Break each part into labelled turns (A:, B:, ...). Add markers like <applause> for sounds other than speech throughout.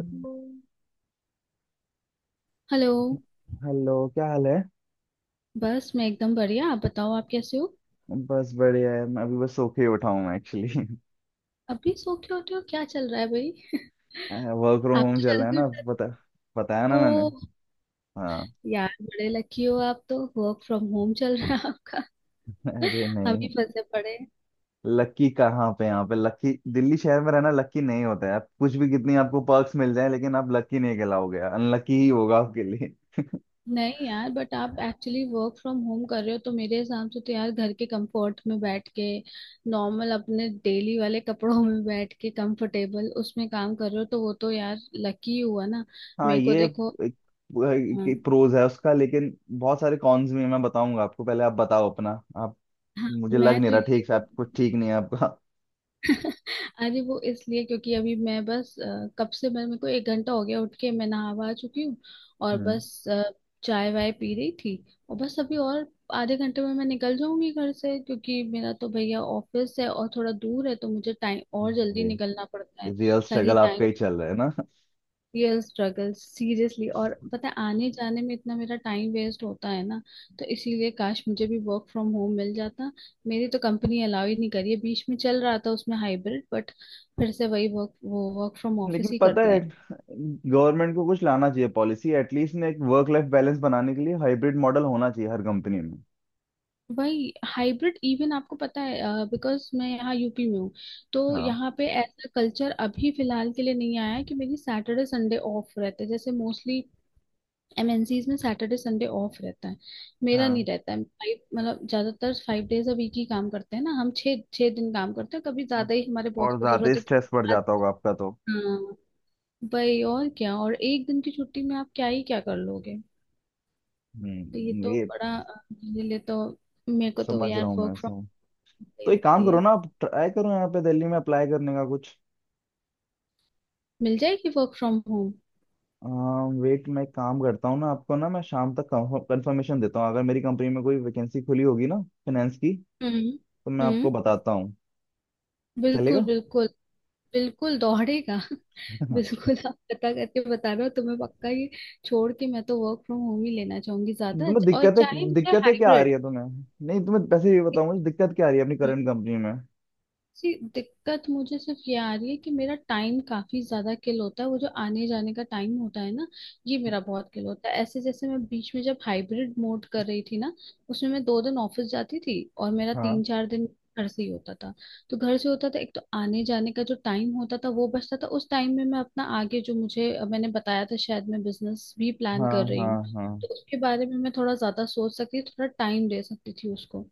A: Hello.
B: Hello.
A: क्या हाल है।
B: बस मैं एकदम बढ़िया। आप बताओ, आप कैसे हो?
A: बस बढ़िया है, मैं अभी बस सो के ही उठा हूँ। <laughs> मैं एक्चुअली
B: अभी सो के उठे हो? क्या चल रहा है भाई? <laughs>
A: वर्क फ्रॉम
B: आप
A: होम
B: तो
A: चल रहा है
B: जल्दी
A: ना।
B: उठे।
A: पता, बताया ना
B: ओ।
A: मैंने। हाँ।
B: यार बड़े लकी हो, आप तो वर्क फ्रॉम होम चल रहा है आपका।
A: <laughs> अरे
B: <laughs> अभी
A: नहीं,
B: फंसे पड़े हैं।
A: लकी कहाँ पे? यहाँ पे लकी? दिल्ली शहर में रहना लकी नहीं होता है। आप कुछ भी, कितनी आपको पर्क्स मिल जाए, लेकिन आप लकी नहीं कहलाओगे, अनलकी ही होगा आपके लिए।
B: नहीं यार, बट आप एक्चुअली वर्क फ्रॉम होम कर रहे हो तो मेरे हिसाब से तो यार, घर के कंफर्ट में बैठ के नॉर्मल अपने डेली वाले कपड़ों में बैठ के कंफर्टेबल, उसमें काम कर रहे हो तो वो तो यार लकी हुआ ना।
A: हाँ,
B: मेरे को
A: ये
B: देखो।
A: एक,
B: हाँ
A: एक, प्रोज है उसका, लेकिन बहुत सारे कॉन्स भी हैं। मैं बताऊंगा आपको, पहले आप बताओ अपना। आप,
B: हाँ।
A: मुझे लग
B: मैं
A: नहीं
B: तो
A: रहा
B: ये।
A: ठीक से, आप कुछ ठीक नहीं है आपका।
B: अरे वो इसलिए क्योंकि अभी मैं बस कब से मैं, मेरे को 1 घंटा हो गया उठ के, मैं नहावा आ चुकी हूँ
A: <laughs>
B: और
A: हम्म।
B: बस चाय वाय पी रही थी। और बस अभी और आधे घंटे में मैं निकल जाऊंगी घर से, क्योंकि मेरा तो भैया ऑफिस है और थोड़ा दूर है तो मुझे टाइम और जल्दी
A: अरे,
B: निकलना पड़ता है,
A: रियल
B: ताकि
A: स्ट्रगल आपका ही
B: टाइम।
A: चल रहा है ना।
B: Real struggle seriously. और पता है, आने जाने में इतना मेरा टाइम वेस्ट होता है ना, तो इसीलिए काश मुझे भी वर्क फ्रॉम होम मिल जाता। मेरी तो कंपनी अलाउ ही नहीं करी है। बीच में चल रहा था उसमें हाइब्रिड, बट फिर से वही वर्क, वो वर्क फ्रॉम
A: लेकिन
B: ऑफिस ही कर
A: पता है,
B: दिया।
A: गवर्नमेंट को कुछ लाना चाहिए पॉलिसी एटलीस्ट, ने एक वर्क लाइफ बैलेंस बनाने के लिए हाइब्रिड मॉडल होना चाहिए हर कंपनी में।
B: वही हाइब्रिड इवन। आपको पता है बिकॉज मैं यहाँ यूपी में हूँ, तो
A: हाँ,
B: यहाँ पे ऐसा कल्चर अभी फिलहाल के लिए नहीं आया है कि मेरी सैटरडे संडे ऑफ रहते हैं। जैसे मोस्टली एमएनसीज में सैटरडे संडे ऑफ रहता है, मेरा नहीं
A: हाँ,
B: रहता है। फाइव, मतलब ज्यादातर फाइव डेज अ वीक ही काम करते हैं ना, हम छः छः दिन काम करते हैं, कभी ज्यादा ही, हमारे बॉस
A: और
B: को
A: ज्यादा
B: जरूरत होती
A: स्ट्रेस बढ़
B: है।
A: जाता होगा आपका तो।
B: हाँ भाई और क्या, और एक दिन की छुट्टी में आप क्या ही क्या कर लोगे। तो ये
A: हम्म,
B: तो
A: ये
B: बड़ा मेरे लिए तो, मेरे को तो
A: समझ रहा
B: यार
A: हूँ मैं
B: वर्क फ्रॉम
A: ऐसा।
B: होम
A: तो
B: सही
A: एक काम
B: लगती
A: करो
B: है।
A: ना, आप ट्राई करो यहाँ पे दिल्ली में अप्लाई करने का कुछ।
B: मिल जाएगी वर्क फ्रॉम होम।
A: वेट, मैं एक काम करता हूँ ना, आपको ना मैं शाम तक कंफर्मेशन देता हूँ। अगर मेरी कंपनी में कोई वैकेंसी खुली होगी ना फाइनेंस की, तो
B: हम्म।
A: मैं
B: हम्म।
A: आपको बताता हूँ।
B: बिल्कुल
A: चलेगा।
B: बिल्कुल। बिल्कुल दौड़ेगा। <laughs>
A: <laughs>
B: बिल्कुल आप पता करके बता रहे हो? तुम्हें पक्का ये छोड़ के मैं तो वर्क फ्रॉम होम ही लेना चाहूंगी ज्यादा,
A: तुम्हें
B: और
A: दिक्कतें,
B: चाहे मुझे
A: दिक्कतें क्या आ रही
B: हाइब्रिड।
A: है तुम्हें? नहीं, तुम्हें पैसे, ये बताओ मुझे दिक्कत क्या आ रही है अपनी करंट कंपनी में।
B: जी, दिक्कत मुझे सिर्फ ये आ रही है कि मेरा टाइम काफी ज्यादा किल होता है, वो जो आने जाने का टाइम होता है ना, ये मेरा बहुत किल होता है। ऐसे जैसे मैं बीच में जब हाइब्रिड मोड कर रही थी ना, उसमें मैं 2 दिन ऑफिस जाती थी और मेरा
A: हाँ,
B: 3-4 दिन घर से ही होता था। तो घर से होता था, एक तो आने जाने का जो टाइम होता था वो बचता था, उस टाइम में मैं अपना आगे, जो मुझे मैंने बताया था, शायद मैं बिजनेस भी प्लान
A: हाँ,
B: कर रही
A: हाँ।
B: हूँ,
A: हाँ,
B: तो उसके बारे में मैं थोड़ा ज्यादा सोच सकती थी, थोड़ा टाइम दे सकती थी उसको।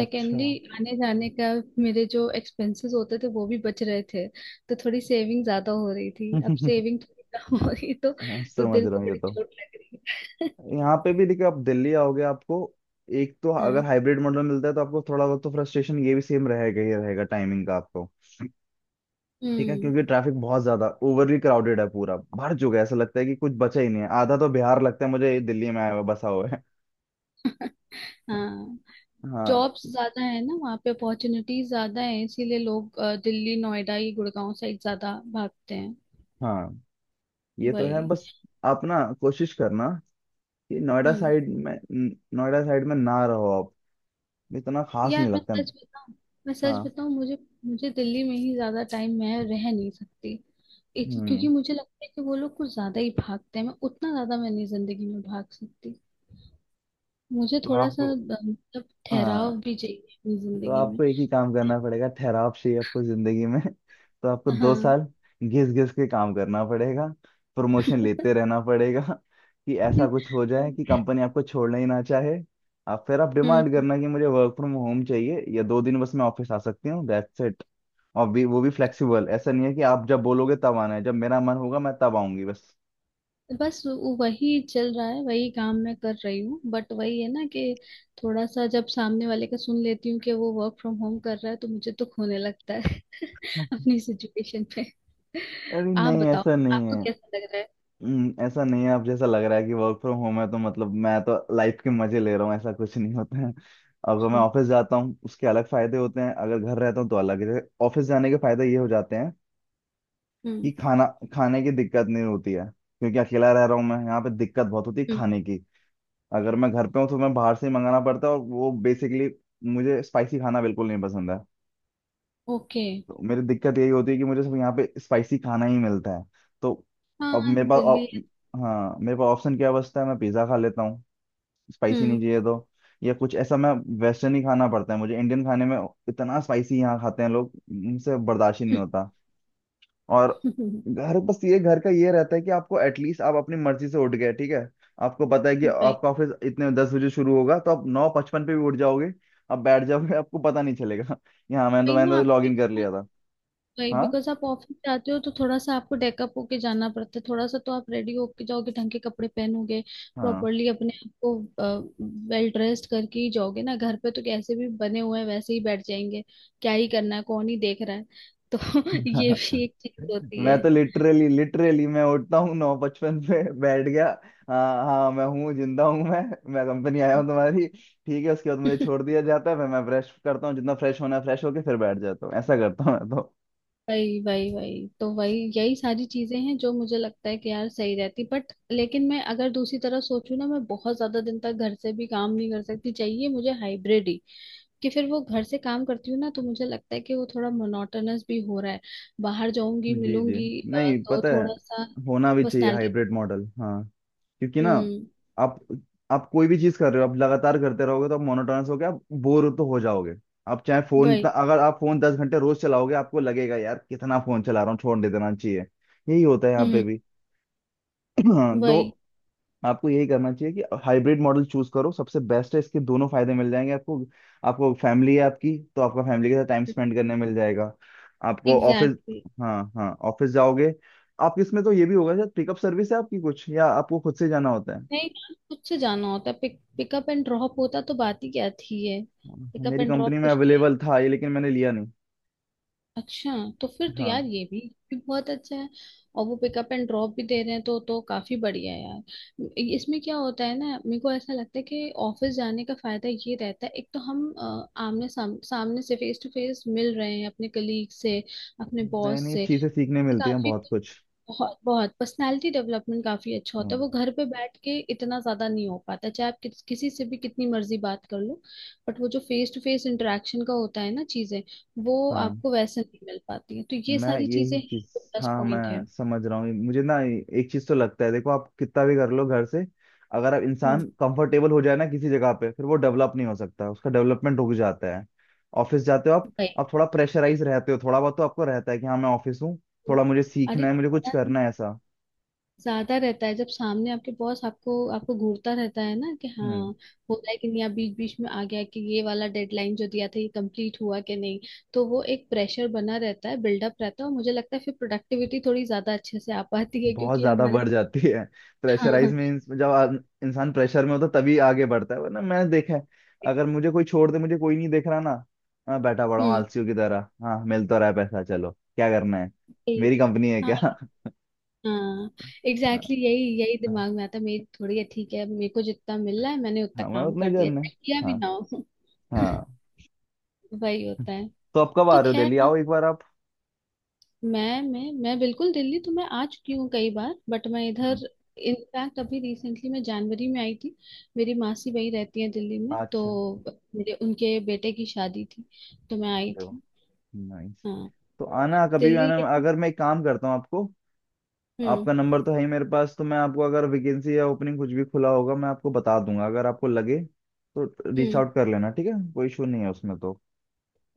A: अच्छा। <laughs>
B: आने जाने का मेरे जो एक्सपेंसेस होते थे वो भी बच रहे थे, तो थोड़ी सेविंग ज्यादा हो रही थी। अब सेविंग थोड़ी कम हो रही,
A: हाँ,
B: तो
A: समझ
B: दिल
A: रहा
B: को
A: हूँ ये
B: बड़ी
A: तो।
B: चोट लग रही है।
A: यहाँ पे भी देखिए, आप दिल्ली आओगे आपको, एक तो
B: <laughs>
A: अगर
B: हाँ।
A: हाइब्रिड मॉडल मिलता है तो आपको थोड़ा बहुत तो फ्रस्ट्रेशन ये भी सेम रहेगा ही रहेगा, टाइमिंग का आपको। ठीक है,
B: हम्म।
A: क्योंकि ट्रैफिक बहुत ज्यादा ओवरली क्राउडेड है, पूरा भर चुका है, ऐसा लगता है कि कुछ बचा ही नहीं है। आधा तो बिहार लगता है मुझे ये, दिल्ली में आया हुआ बसा हुआ है।
B: हाँ।
A: हाँ,
B: जॉब्स ज्यादा है ना वहाँ पे, अपॉर्चुनिटीज ज्यादा है, इसीलिए लोग दिल्ली नोएडा ये गुड़गांव साइड ज्यादा भागते हैं।
A: हाँ, ये तो है
B: वही।
A: बस। आप ना कोशिश करना कि नोएडा
B: हम्म।
A: साइड में नोएडा साइड में ना रहो आप, इतना खास
B: यार
A: नहीं
B: मैं
A: लगता ना।
B: सच बताऊं, मैं सच
A: हाँ।
B: बताऊं, मुझे, मुझे दिल्ली में ही ज्यादा टाइम मैं रह नहीं सकती। एक, क्योंकि
A: हम्म,
B: मुझे लगता है कि वो लोग कुछ ज्यादा ही भागते हैं, मैं उतना ज्यादा मैं नहीं जिंदगी में भाग सकती। मुझे
A: तो
B: थोड़ा सा
A: आपको,
B: मतलब
A: हाँ,
B: ठहराव भी चाहिए अपनी
A: तो
B: जिंदगी में।
A: आपको एक ही काम करना पड़ेगा। ठहराव चाहिए आपको जिंदगी में। <laughs> तो आपको दो
B: हाँ।
A: साल घिस घिस के काम करना पड़ेगा, प्रमोशन लेते रहना पड़ेगा कि ऐसा कुछ हो जाए कि कंपनी आपको छोड़ना ही ना चाहे। आप फिर आप
B: <laughs>
A: डिमांड
B: हम्म।
A: करना कि मुझे वर्क फ्रॉम होम चाहिए, या दो दिन बस मैं ऑफिस आ सकती हूँ, दैट्स इट। और भी, वो भी फ्लेक्सिबल, ऐसा नहीं है कि आप जब बोलोगे तब आना है, जब मेरा मन होगा मैं तब आऊंगी बस।
B: बस वही चल रहा है, वही काम मैं कर रही हूँ, बट वही है ना कि थोड़ा सा जब सामने वाले का सुन लेती हूँ कि वो वर्क फ्रॉम होम कर रहा है तो मुझे तो खोने लगता है <laughs> अपनी सिचुएशन पे।
A: अरे
B: आप
A: नहीं,
B: बताओ,
A: ऐसा नहीं
B: आपको
A: है।
B: कैसा लग रहा है?
A: ऐसा नहीं है आप जैसा लग रहा है कि वर्क फ्रॉम होम है तो मतलब मैं तो लाइफ के मजे ले रहा हूँ, ऐसा कुछ नहीं होता है। अगर मैं
B: हम्म।
A: ऑफिस जाता हूँ उसके अलग फायदे होते हैं, अगर घर रहता हूँ तो अलग है। ऑफिस जाने के फायदे ये हो जाते हैं कि
B: हम्म।
A: खाना, खाने की दिक्कत नहीं होती है। क्योंकि अकेला रह रहा हूँ मैं यहाँ पे, दिक्कत बहुत होती है
B: हम्म,
A: खाने की। अगर मैं घर पे हूँ तो मैं बाहर से ही मंगाना पड़ता है, और वो बेसिकली मुझे स्पाइसी खाना बिल्कुल नहीं पसंद है।
B: ओके।
A: तो मेरी दिक्कत यही होती है कि मुझे सिर्फ यहाँ पे स्पाइसी खाना ही मिलता है। तो अब
B: हाँ
A: मेरे पास
B: दिल्ली।
A: हाँ, मेरे पास ऑप्शन क्या बचता है? मैं पिज़्ज़ा खा लेता हूँ, स्पाइसी नहीं
B: हम्म।
A: चाहिए तो, या कुछ ऐसा। मैं वेस्टर्न ही खाना पड़ता है मुझे, इंडियन खाने में इतना स्पाइसी यहाँ खाते हैं लोग, मुझसे बर्दाश्त ही नहीं होता। और
B: <laughs>
A: घर बस ये, घर का ये रहता है कि आपको एटलीस्ट आप अपनी मर्जी से उठ गए, ठीक है। आपको पता है कि
B: वही।
A: आपका ऑफिस इतने 10 बजे शुरू होगा तो आप 9:55 पे भी उठ जाओगे, आप बैठ जाओगे, आपको पता नहीं चलेगा। <laughs> यहाँ मैंने तो
B: वही
A: मैंने
B: ना,
A: तो लॉग
B: आपको
A: इन कर
B: इतना
A: लिया था।
B: वही
A: हाँ,
B: बिकॉज आप ऑफिस जाते हो तो थोड़ा सा आपको डेकअप होके जाना पड़ता है, थोड़ा सा तो आप रेडी होके जाओगे, ढंग के कपड़े पहनोगे,
A: हाँ,
B: प्रॉपरली अपने आप को वेल ड्रेस्ड करके ही जाओगे ना। घर पे तो कैसे भी बने हुए हैं वैसे ही बैठ जाएंगे, क्या ही करना है, कौन ही देख रहा है, तो <laughs> ये भी एक चीज होती
A: मैं
B: है।
A: तो लिटरली, लिटरली मैं उठता हूँ 9:55 पे बैठ गया। हाँ, हाँ, मैं हूँ, जिंदा हूँ मैं कंपनी आया हूँ तुम्हारी, ठीक है। उसके बाद मुझे छोड़
B: <laughs>
A: दिया जाता है, फिर मैं फ्रेश करता हूँ, जितना फ्रेश होना है फ्रेश होके फिर बैठ जाता हूँ, ऐसा करता हूँ मैं तो।
B: वही वही वही तो, वही यही सारी चीजें हैं जो मुझे लगता है कि यार सही रहती, बट लेकिन मैं अगर दूसरी तरह सोचूं ना, मैं बहुत ज्यादा दिन तक घर से भी काम नहीं कर सकती, चाहिए मुझे हाइब्रिड ही। कि फिर वो घर से काम करती हूँ ना, तो मुझे लगता है कि वो थोड़ा मोनोटोनस भी हो रहा है, बाहर जाऊंगी,
A: जी, जी,
B: मिलूंगी,
A: नहीं
B: तो
A: पता है,
B: थोड़ा सा
A: होना भी चाहिए
B: पर्सनालिटी।
A: Hybrid model. हाँ, क्योंकि ना,
B: हम्म।
A: आप आप कोई भी चीज कर रहे हो, आप लगातार करते रहोगे तो आप मोनोटोनस हो गया, आप बोर तो हो जाओगे। आप चाहे फोन,
B: वही।
A: अगर आप फोन 10 घंटे रोज चलाओगे, आपको लगेगा यार कितना फोन चला रहा हूँ, छोड़ दे, देना चाहिए। यही होता है यहाँ पे
B: हम्म।
A: भी। <clears throat> हाँ,
B: वही।
A: तो आपको यही करना चाहिए कि हाइब्रिड मॉडल चूज करो, सबसे बेस्ट है, इसके दोनों फायदे मिल जाएंगे आपको। आपको फैमिली है आपकी, तो आपका फैमिली के साथ टाइम स्पेंड करने मिल जाएगा। आपको ऑफिस,
B: एग्जैक्टली exactly.
A: हाँ, हाँ, ऑफिस जाओगे आप। इसमें तो ये भी होगा सर, पिकअप सर्विस है आपकी कुछ या आपको खुद से जाना होता है?
B: नहीं, खुद से जाना होता है। पिक पिकअप एंड ड्रॉप होता तो बात ही क्या थी है।
A: हाँ,
B: पिकअप
A: मेरी
B: एंड
A: कंपनी
B: ड्रॉप
A: में
B: कुछ नहीं।
A: अवेलेबल था ये, लेकिन मैंने लिया नहीं।
B: अच्छा। तो फिर तो
A: हाँ,
B: यार ये भी बहुत अच्छा है, और वो पिकअप एंड ड्रॉप भी दे रहे हैं तो काफी बढ़िया है यार। इसमें क्या होता है ना, मेरे को ऐसा लगता है कि ऑफिस जाने का फायदा ये रहता है, एक तो हम आमने सामने से फेस टू फेस मिल रहे हैं अपने कलीग से, अपने
A: नई
B: बॉस
A: नई
B: से,
A: चीजें सीखने मिलती हैं
B: काफी।
A: बहुत कुछ।
B: बहुत बहुत पर्सनालिटी डेवलपमेंट काफी अच्छा होता है
A: हम्म,
B: वो। घर पे बैठ के इतना ज्यादा नहीं हो पाता, चाहे आप किसी से भी कितनी मर्जी बात कर लो, बट वो जो फेस टू फेस इंटरेक्शन का होता है ना चीजें, वो
A: हाँ
B: आपको वैसे नहीं मिल पाती है, तो ये
A: मैं
B: सारी
A: यही
B: चीजें हैं
A: चीज,
B: जो प्लस
A: हाँ
B: पॉइंट
A: मैं
B: है।
A: समझ रहा हूँ, मुझे ना एक चीज तो लगता है, देखो आप कितना भी कर लो घर से, अगर आप इंसान
B: हम्म।
A: कंफर्टेबल हो जाए ना किसी जगह पे, फिर वो डेवलप नहीं हो सकता, उसका डेवलपमेंट रुक जाता है। ऑफिस जाते हो आप
B: भाई
A: आप थोड़ा प्रेशराइज रहते हो, थोड़ा बहुत तो आपको रहता है कि हाँ मैं ऑफिस हूँ, थोड़ा मुझे
B: अरे
A: सीखना है, मुझे कुछ
B: थोड़ा नहीं,
A: करना है ऐसा।
B: ज्यादा रहता है, जब सामने आपके बॉस आपको आपको घूरता रहता है ना कि हाँ
A: हम्म,
B: होता है कि नहीं, आप बीच बीच में आ गया कि ये वाला डेडलाइन जो दिया था ये कंप्लीट हुआ कि नहीं, तो वो एक प्रेशर बना रहता है, बिल्डअप रहता है, और मुझे लगता है फिर प्रोडक्टिविटी थोड़ी ज्यादा अच्छे से आ पाती है
A: बहुत
B: क्योंकि
A: ज्यादा
B: हमारे
A: बढ़ जाती है
B: हाँ
A: प्रेशराइज
B: हाँ।
A: में, इंसान प्रेशर में होता है, तभी आगे बढ़ता है, वरना मैंने देखा है, अगर मुझे कोई छोड़ दे, मुझे कोई नहीं देख रहा ना, मैं बैठा पड़ा हूँ
B: हम्म।
A: आलसियों की तरह, हाँ मिल तो रहा है पैसा चलो, क्या करना है, मेरी
B: यही,
A: कंपनी है
B: हाँ
A: क्या? <laughs>
B: हाँ,
A: हाँ,
B: एग्जैक्टली exactly, यही यही
A: हाँ,
B: दिमाग में आता है। मेरी थोड़ी है ठीक है, मेरे को जितना मिल रहा है मैंने उतना
A: हाँ, मैं
B: काम
A: उतना ही
B: कर दिया,
A: करना है।
B: चाहे किया भी
A: हाँ,
B: ना हो। <laughs>
A: हाँ,
B: वही होता है।
A: तो आप कब आ
B: तो
A: रहे हो? दिल्ली
B: खैर
A: आओ एक बार आप।
B: मैं बिल्कुल, दिल्ली तो मैं आ चुकी हूँ कई बार, बट मैं
A: हम्म,
B: इधर इनफैक्ट अभी रिसेंटली मैं जनवरी में आई थी। मेरी मासी वही रहती है दिल्ली में, तो
A: अच्छा,
B: मेरे उनके बेटे की शादी थी तो मैं आई
A: देखो,
B: थी।
A: नाइस,
B: हाँ।
A: तो आना, कभी भी
B: दिल्ली
A: आना।
B: लेकिन।
A: अगर मैं एक काम करता हूँ आपको,
B: हम्म।
A: आपका नंबर तो है ही मेरे पास, तो मैं आपको, अगर वैकेंसी या ओपनिंग कुछ भी खुला होगा मैं आपको बता दूंगा, अगर आपको लगे तो रीच
B: हम्म।
A: आउट कर लेना, ठीक है, कोई इशू नहीं है उसमें तो।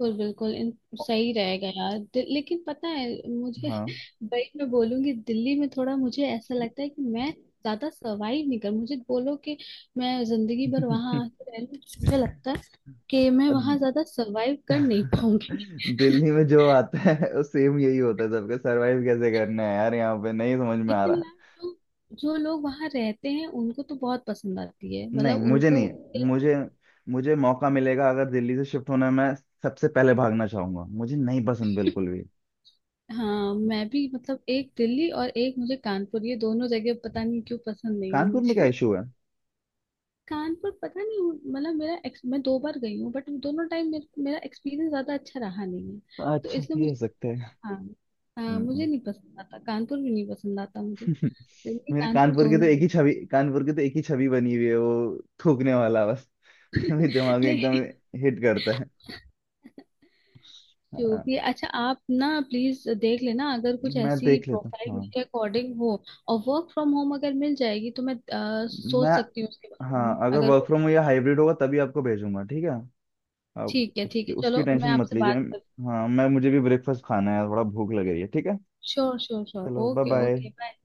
B: बिल्कुल बिल्कुल। इन सही रहेगा यार लेकिन पता है मुझे,
A: हाँ।
B: <laughs> वही मैं बोलूंगी, दिल्ली में थोड़ा मुझे ऐसा लगता है कि मैं ज्यादा सरवाइव नहीं कर, मुझे बोलो कि मैं जिंदगी भर वहां आके रह लूं, मुझे लगता है
A: <laughs>
B: कि मैं वहां ज्यादा सरवाइव कर नहीं पाऊंगी।
A: दिल्ली में जो आता है वो सेम यही होता है सबका, सरवाइव कैसे करना है यार यहाँ पे, नहीं समझ
B: <laughs>
A: में आ
B: लेकिन
A: रहा।
B: यार जो, जो लोग वहां रहते हैं उनको तो बहुत पसंद आती है,
A: नहीं,
B: मतलब
A: मुझे
B: उनको।
A: नहीं है, मुझे, मुझे मौका मिलेगा अगर दिल्ली से शिफ्ट होने में, सबसे पहले भागना चाहूंगा, मुझे नहीं पसंद बिल्कुल भी।
B: हाँ मैं भी, मतलब एक दिल्ली और एक मुझे कानपुर, ये दोनों जगह पता नहीं क्यों पसंद नहीं है
A: कानपुर में क्या
B: मुझे।
A: इशू है?
B: कानपुर पता नहीं, मतलब मेरा मैं 2 बार गई हूँ, बट दोनों टाइम मेरा एक्सपीरियंस ज्यादा अच्छा रहा नहीं है, तो
A: अच्छा,
B: इसलिए
A: ये हो
B: मुझे,
A: सकता
B: हाँ हाँ,
A: है।
B: मुझे नहीं पसंद आता, कानपुर भी नहीं पसंद आता मुझे, दिल्ली
A: मेरे
B: कानपुर
A: कानपुर की
B: दोनों
A: तो एक
B: ही।
A: ही छवि, कानपुर की तो एक ही छवि बनी हुई है, वो थूकने वाला बस। <laughs> मेरे दिमाग में
B: लेकिन
A: एकदम हिट करता है।
B: जो
A: हाँ,
B: भी है, अच्छा आप ना प्लीज देख लेना अगर कुछ
A: मैं
B: ऐसी
A: देख लेता हूँ।
B: प्रोफाइल
A: हाँ,
B: के अकॉर्डिंग हो, और वर्क फ्रॉम होम अगर मिल जाएगी तो मैं
A: मैं,
B: सोच सकती हूँ उसके बारे में,
A: हाँ, अगर
B: अगर
A: वर्क
B: कुछ।
A: फ्रॉम या हाइब्रिड होगा तभी आपको भेजूंगा, ठीक है। आप
B: ठीक है ठीक
A: उसकी,
B: है।
A: उसकी
B: चलो मैं
A: टेंशन मत
B: आपसे
A: लीजिए।
B: बात कर।
A: हाँ, मैं, मुझे भी ब्रेकफास्ट खाना है, थोड़ा भूख लग रही है, ठीक है।
B: श्योर श्योर श्योर,
A: चलो, bye
B: okay okay
A: bye.
B: Bye.